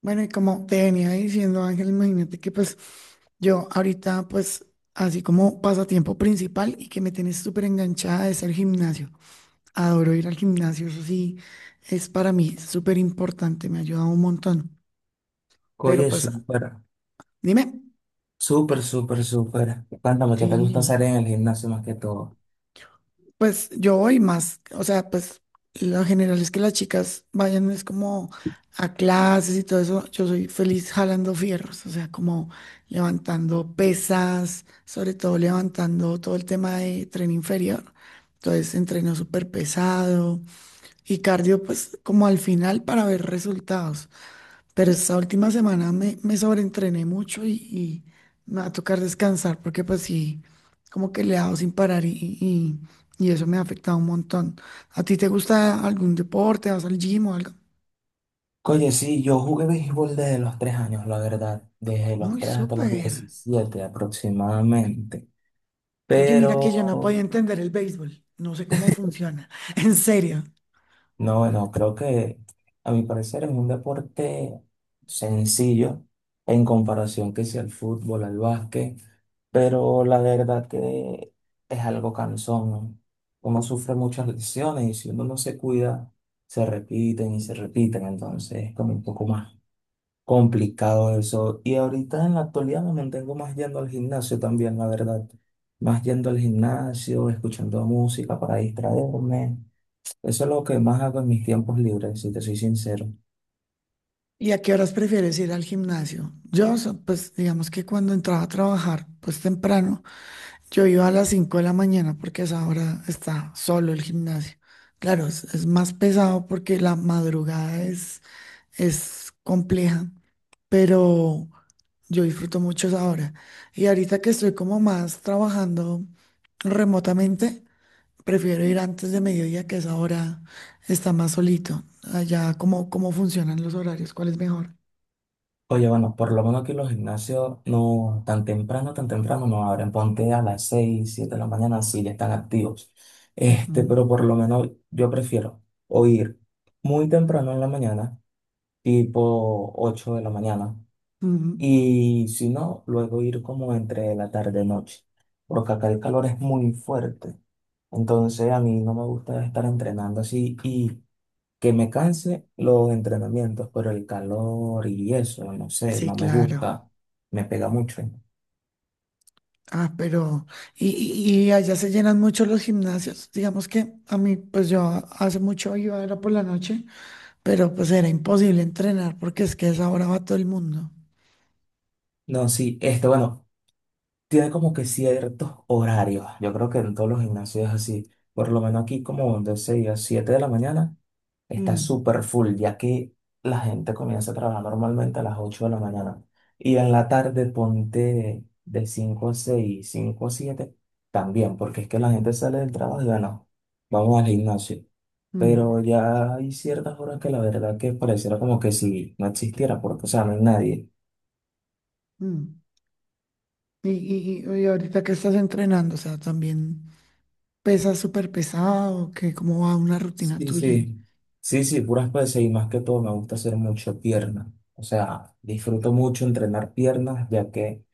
Bueno, y como te venía diciendo, Ángel, imagínate que pues yo ahorita pues así como pasatiempo principal y que me tienes súper enganchada es el gimnasio. Adoro ir al gimnasio, eso sí, es para mí súper importante, me ha ayudado un montón. Pero Oye, pues súper, dime. súper, súper, súper. Cuéntame, ¿qué te gusta Sí. hacer en el gimnasio más que todo? Pues yo voy más, o sea, pues lo general es que las chicas vayan, es como a clases y todo eso. Yo soy feliz jalando fierros, o sea, como levantando pesas, sobre todo levantando todo el tema de tren inferior. Entonces, entreno súper pesado y cardio, pues como al final para ver resultados. Pero esta última semana me sobreentrené mucho y me va a tocar descansar porque pues sí, como que le he dado sin parar y, y eso me ha afectado un montón. ¿A ti te gusta algún deporte? ¿Vas al gym o algo? Oye, sí, yo jugué béisbol desde los 3 años, la verdad. Desde los Muy tres hasta los súper. 17 aproximadamente. Mm. Oye, mira que yo no Pero podía entender el béisbol. No sé cómo funciona. En serio. No, no, creo que a mi parecer es un deporte sencillo en comparación que sea al fútbol, al básquet, pero la verdad que es algo cansón, ¿no? Uno sufre muchas lesiones y si uno no se cuida, se repiten y se repiten, entonces es como un poco más complicado eso. Y ahorita en la actualidad me mantengo más yendo al gimnasio también, la verdad, más yendo al gimnasio, escuchando música para distraerme. Eso es lo que más hago en mis tiempos libres, si te soy sincero. ¿Y a qué horas prefieres ir al gimnasio? Yo, pues digamos que cuando entraba a trabajar, pues temprano. Yo iba a las 5 de la mañana porque a esa hora está solo el gimnasio. Claro, es más pesado porque la madrugada es compleja, pero yo disfruto mucho esa hora. Y ahorita que estoy como más trabajando remotamente, prefiero ir antes de mediodía, que esa hora está más solito. Allá, ¿cómo funcionan los horarios? ¿Cuál es mejor? Oye, bueno, por lo menos aquí los gimnasios no tan temprano, tan temprano no abren. Ponte a las 6 7 de la mañana, sí, ya están activos. Ujú, Pero por lo menos yo prefiero o ir muy temprano en la mañana, tipo 8 de la mañana, ujú. y si no, luego ir como entre la tarde y noche, porque acá el calor es muy fuerte. Entonces a mí no me gusta estar entrenando así y que me canse los entrenamientos, pero el calor y eso, no sé, Sí, no me claro. gusta, me pega mucho. Ah, pero, y allá se llenan mucho los gimnasios. Digamos que a mí, pues yo hace mucho iba, era por la noche, pero pues era imposible entrenar porque es que a esa hora va todo el mundo. No, sí, bueno, tiene como que ciertos horarios. Yo creo que en todos los gimnasios es así. Por lo menos aquí como de 6 a 7 de la mañana está Mm, súper full, ya que la gente comienza a trabajar normalmente a las 8 de la mañana. Y en la tarde ponte de 5 a 6, 5 a 7 también, porque es que la gente sale del trabajo y bueno, vamos al gimnasio. mm, Pero ya hay ciertas horas que la verdad que pareciera como que si no existiera, porque, o sea, no hay nadie. mm. Y ahorita que estás entrenando, o sea, también pesas súper pesado, que cómo va una rutina Sí, tuya. sí. Sí, sí, puras pesas y más que todo me gusta hacer mucho piernas. O sea, disfruto mucho entrenar piernas, ya que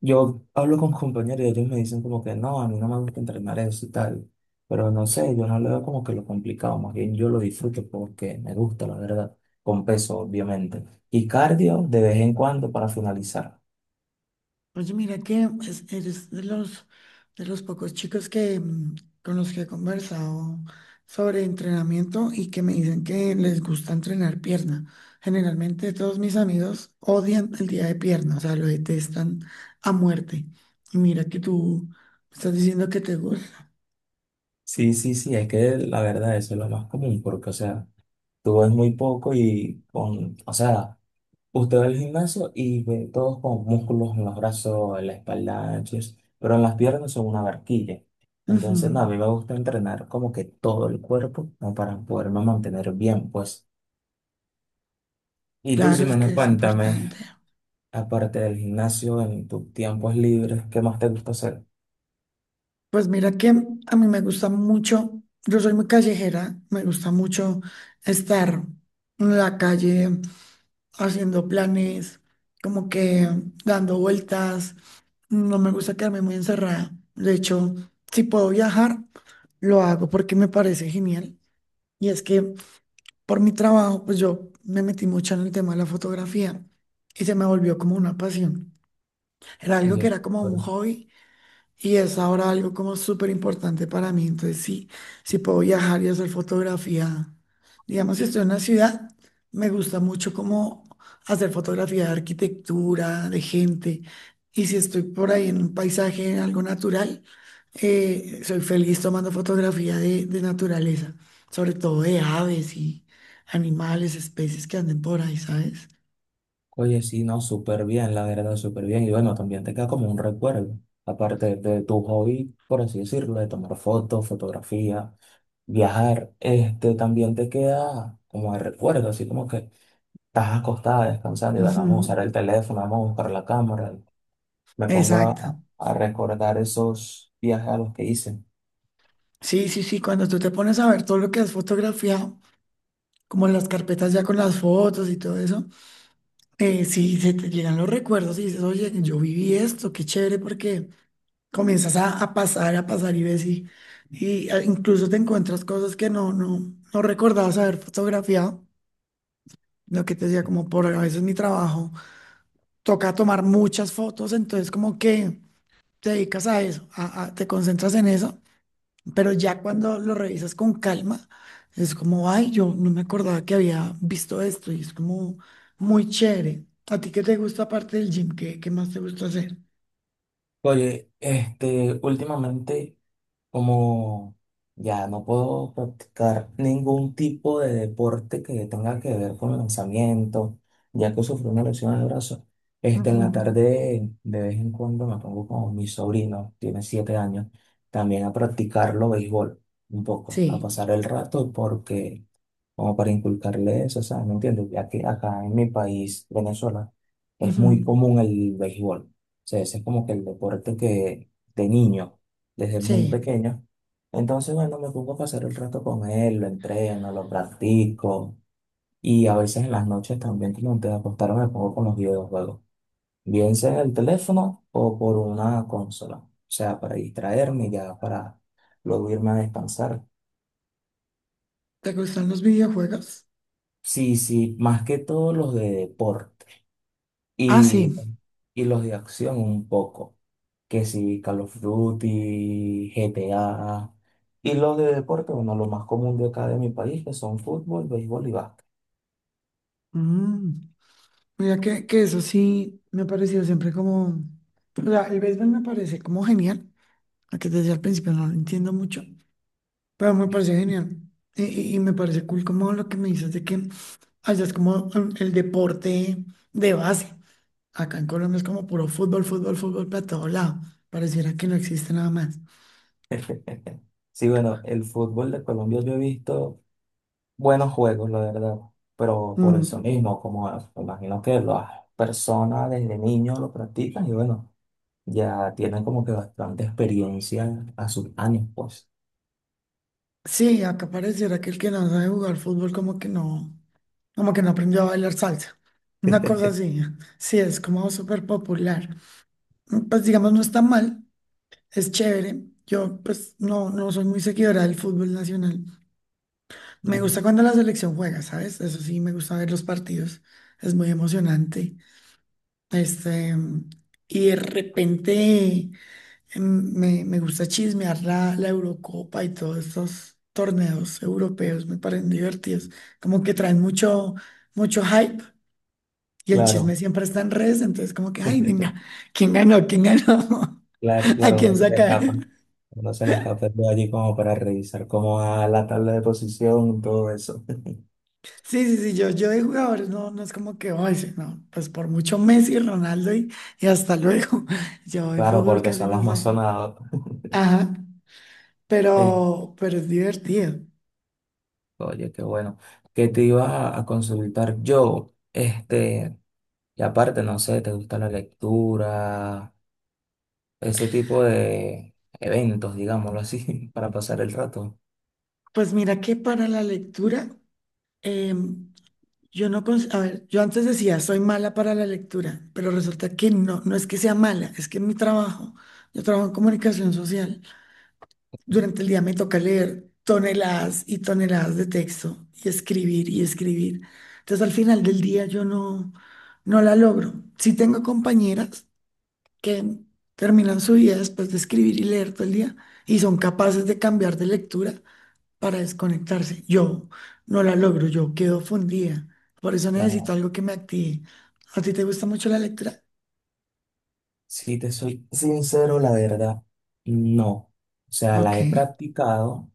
yo hablo con compañeros y ellos me dicen como que no, a mí no me gusta entrenar eso y tal. Pero no sé, yo no le veo como que lo complicado, más bien yo lo disfruto porque me gusta, la verdad, con peso, obviamente. Y cardio de vez en cuando para finalizar. Oye, mira que eres de los pocos chicos que, con los que he conversado sobre entrenamiento y que me dicen que les gusta entrenar pierna. Generalmente todos mis amigos odian el día de pierna, o sea, lo detestan a muerte. Y mira que tú estás diciendo que te gusta. Sí, sí, sí, es que la verdad eso es lo más común, porque, o sea, tú ves muy poco y con, o sea, usted va al gimnasio y ve todos con músculos en los brazos, en la espalda, anchos, pero en las piernas son una barquilla. Ujú. Entonces, no, a mí me gusta entrenar como que todo el cuerpo, ¿no? Para poderme mantener bien, pues. Y tú, Claro, es que Ximena, es cuéntame, importante. aparte del gimnasio, en tus tiempos libres, ¿qué más te gusta hacer? Pues mira que a mí me gusta mucho, yo soy muy callejera, me gusta mucho estar en la calle haciendo planes, como que dando vueltas. No me gusta quedarme muy encerrada. De hecho, si puedo viajar, lo hago porque me parece genial. Y es que por mi trabajo, pues yo me metí mucho en el tema de la fotografía y se me volvió como una pasión. Era Y algo yo, que era como un hobby y es ahora algo como súper importante para mí. Entonces, sí, si puedo viajar y hacer fotografía, digamos, si estoy en una ciudad, me gusta mucho como hacer fotografía de arquitectura, de gente. Y si estoy por ahí en un paisaje, en algo natural, soy feliz tomando fotografía de naturaleza, sobre todo de aves y animales, especies que anden por ahí, ¿sabes? Oye, sí, no, súper bien, la verdad, súper bien. Y bueno, también te queda como un recuerdo, aparte de tu hobby, por así decirlo, de tomar fotos, fotografía, viajar, también te queda como de recuerdo, así como que estás acostada descansando y bueno, vamos a Ujú. usar el teléfono, vamos a buscar la cámara. Me pongo Exacto. a recordar esos viajes a los que hice. Sí, sí, sí, cuando tú te pones a ver todo lo que has fotografiado, como las carpetas ya con las fotos y todo eso, sí, se te llegan los recuerdos y dices, oye, yo viví esto, qué chévere, porque comienzas a pasar, a pasar y ves y incluso te encuentras cosas que no recordabas haber fotografiado. Lo que te decía, como por a veces mi trabajo, toca tomar muchas fotos, entonces como que te dedicas a eso, te concentras en eso. Pero ya cuando lo revisas con calma, es como, ay, yo no me acordaba que había visto esto y es como muy chévere. ¿A ti qué te gusta aparte del gym? ¿Qué, qué más te gusta hacer? Oye, últimamente... Como ya no puedo practicar ningún tipo de deporte que tenga que ver con lanzamiento, ya que sufrí una lesión en el brazo, en Ujú. la tarde de vez en cuando me pongo con mi sobrino, tiene 7 años, también a practicarlo béisbol un poco, a Sí, pasar el rato porque como para inculcarle eso, ¿sabes? ¿Me entiendes? Ya que acá en mi país, Venezuela, es muy ujú. común el béisbol. O sea, ese es como que el deporte que de niño, desde muy Sí. pequeño. Entonces, bueno, me pongo a pasar el rato con él, lo entreno, lo practico. Y a veces en las noches también, como antes de acostarme, me pongo con los videojuegos. Bien sea en el teléfono o por una consola. O sea, para distraerme y ya para luego irme a descansar. ¿Te gustan los videojuegos? Sí, sí, más que todo los de deporte. Ah, sí. Y, y los de acción un poco, que si Call of Duty, GTA, y los de deporte, bueno, lo más común de acá de mi país, que son fútbol, béisbol y básquet. Mm. Mira que eso sí me ha parecido siempre como... O sea, el béisbol me parece como genial, aunque desde el principio no lo entiendo mucho, pero me parece genial. Y me parece cool como lo que me dices de que allá es como mm, el deporte de base. Acá en Colombia es como puro fútbol, fútbol, fútbol para todo lado. Pareciera que no existe nada más. Sí, bueno, el fútbol de Colombia yo he visto buenos juegos, la verdad, pero por eso Mm. mismo, como me imagino que las personas desde niños lo practican y bueno, ya tienen como que bastante experiencia a sus años, pues. Sí, acá pareciera que el que no sabe jugar fútbol como que no aprendió a bailar salsa. Una cosa así. Sí, es como súper popular. Mm. Pues digamos, no está mal, es chévere. Yo pues no, no soy muy seguidora del fútbol nacional. Me gusta cuando la selección juega, ¿sabes? Eso sí, me gusta ver los partidos. Es muy emocionante. Este, y de repente me gusta chismear la Eurocopa y todos estos torneos europeos. Me parecen divertidos. Como que traen mucho, mucho hype y el chisme Claro, siempre está en redes. Entonces, como que, ay, venga, ¿quién ganó? ¿Quién ganó? claro, ¿A claro, no quién se me sacar? escapa. No se le escape de allí como para revisar cómo va la tabla de posición, todo eso. Sí, sí, sí, yo de jugadores no, no es como que, "Ay, sí, no, pues por mucho Messi, Ronaldo y hasta luego." Yo de Claro, fútbol porque casi son no los más sé. sonados. Ajá, Eh, pero es divertido. oye, qué bueno. ¿Qué te iba a consultar yo? Y aparte, no sé, ¿te gusta la lectura? Ese tipo de eventos, digámoslo así, para pasar el rato. Pues mira que para la lectura, em, yo no, a ver, yo antes decía, soy mala para la lectura, pero resulta que no, no es que sea mala, es que en mi trabajo, yo trabajo en comunicación social. Sí. Durante el día me toca leer toneladas y toneladas de texto y escribir y escribir. Entonces al final del día yo no, no la logro. Sí tengo compañeras que terminan su vida después de escribir y leer todo el día y son capaces de cambiar de lectura para desconectarse. Yo no la logro, yo quedo fundida. Por eso necesito Claro. algo que me active. ¿A ti te gusta mucho la lectura? Si te soy sincero, la verdad, no. O sea, Ok, la he practicado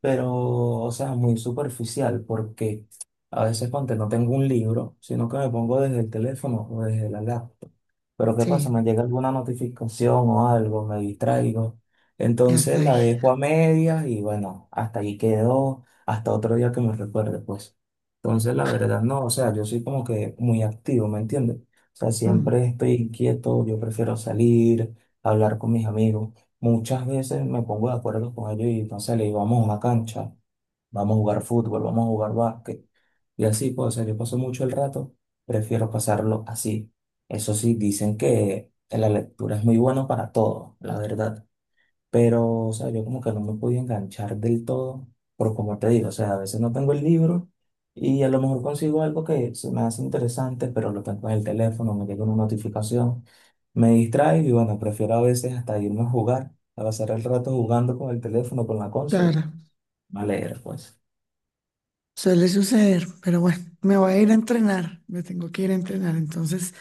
pero, o sea, muy superficial, porque a veces ponte, no tengo un libro, sino que me pongo desde el teléfono o desde la laptop. Pero ¿qué pasa? sí, Me llega alguna notificación o algo, me distraigo. ya Entonces está la ahí. dejo a medias y bueno, hasta ahí quedó, hasta otro día que me recuerde, pues. Entonces la verdad no, o sea, yo soy como que muy activo, ¿me entiendes? O sea, Mm, siempre estoy inquieto, yo prefiero salir, hablar con mis amigos. Muchas veces me pongo de acuerdo con ellos y entonces le digo, vamos a una cancha, vamos a jugar fútbol, vamos a jugar básquet. Y así, pues, o sea, yo paso mucho el rato, prefiero pasarlo así. Eso sí, dicen que la lectura es muy bueno para todo, la verdad. Pero, o sea, yo como que no me podía enganchar del todo, pero como te digo, o sea, a veces no tengo el libro y a lo mejor consigo algo que se me hace interesante, pero lo tengo en el teléfono, me llega una notificación, me distrae y bueno, prefiero a veces hasta irme a jugar, a pasar el rato jugando con el teléfono, con la consola, claro. a leer, pues. Suele suceder, pero bueno, me voy a ir a entrenar, me tengo que ir a entrenar, entonces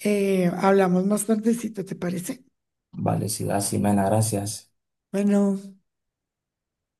hablamos más tardecito, ¿te parece? Vale, sí, así, men, gracias. Bueno.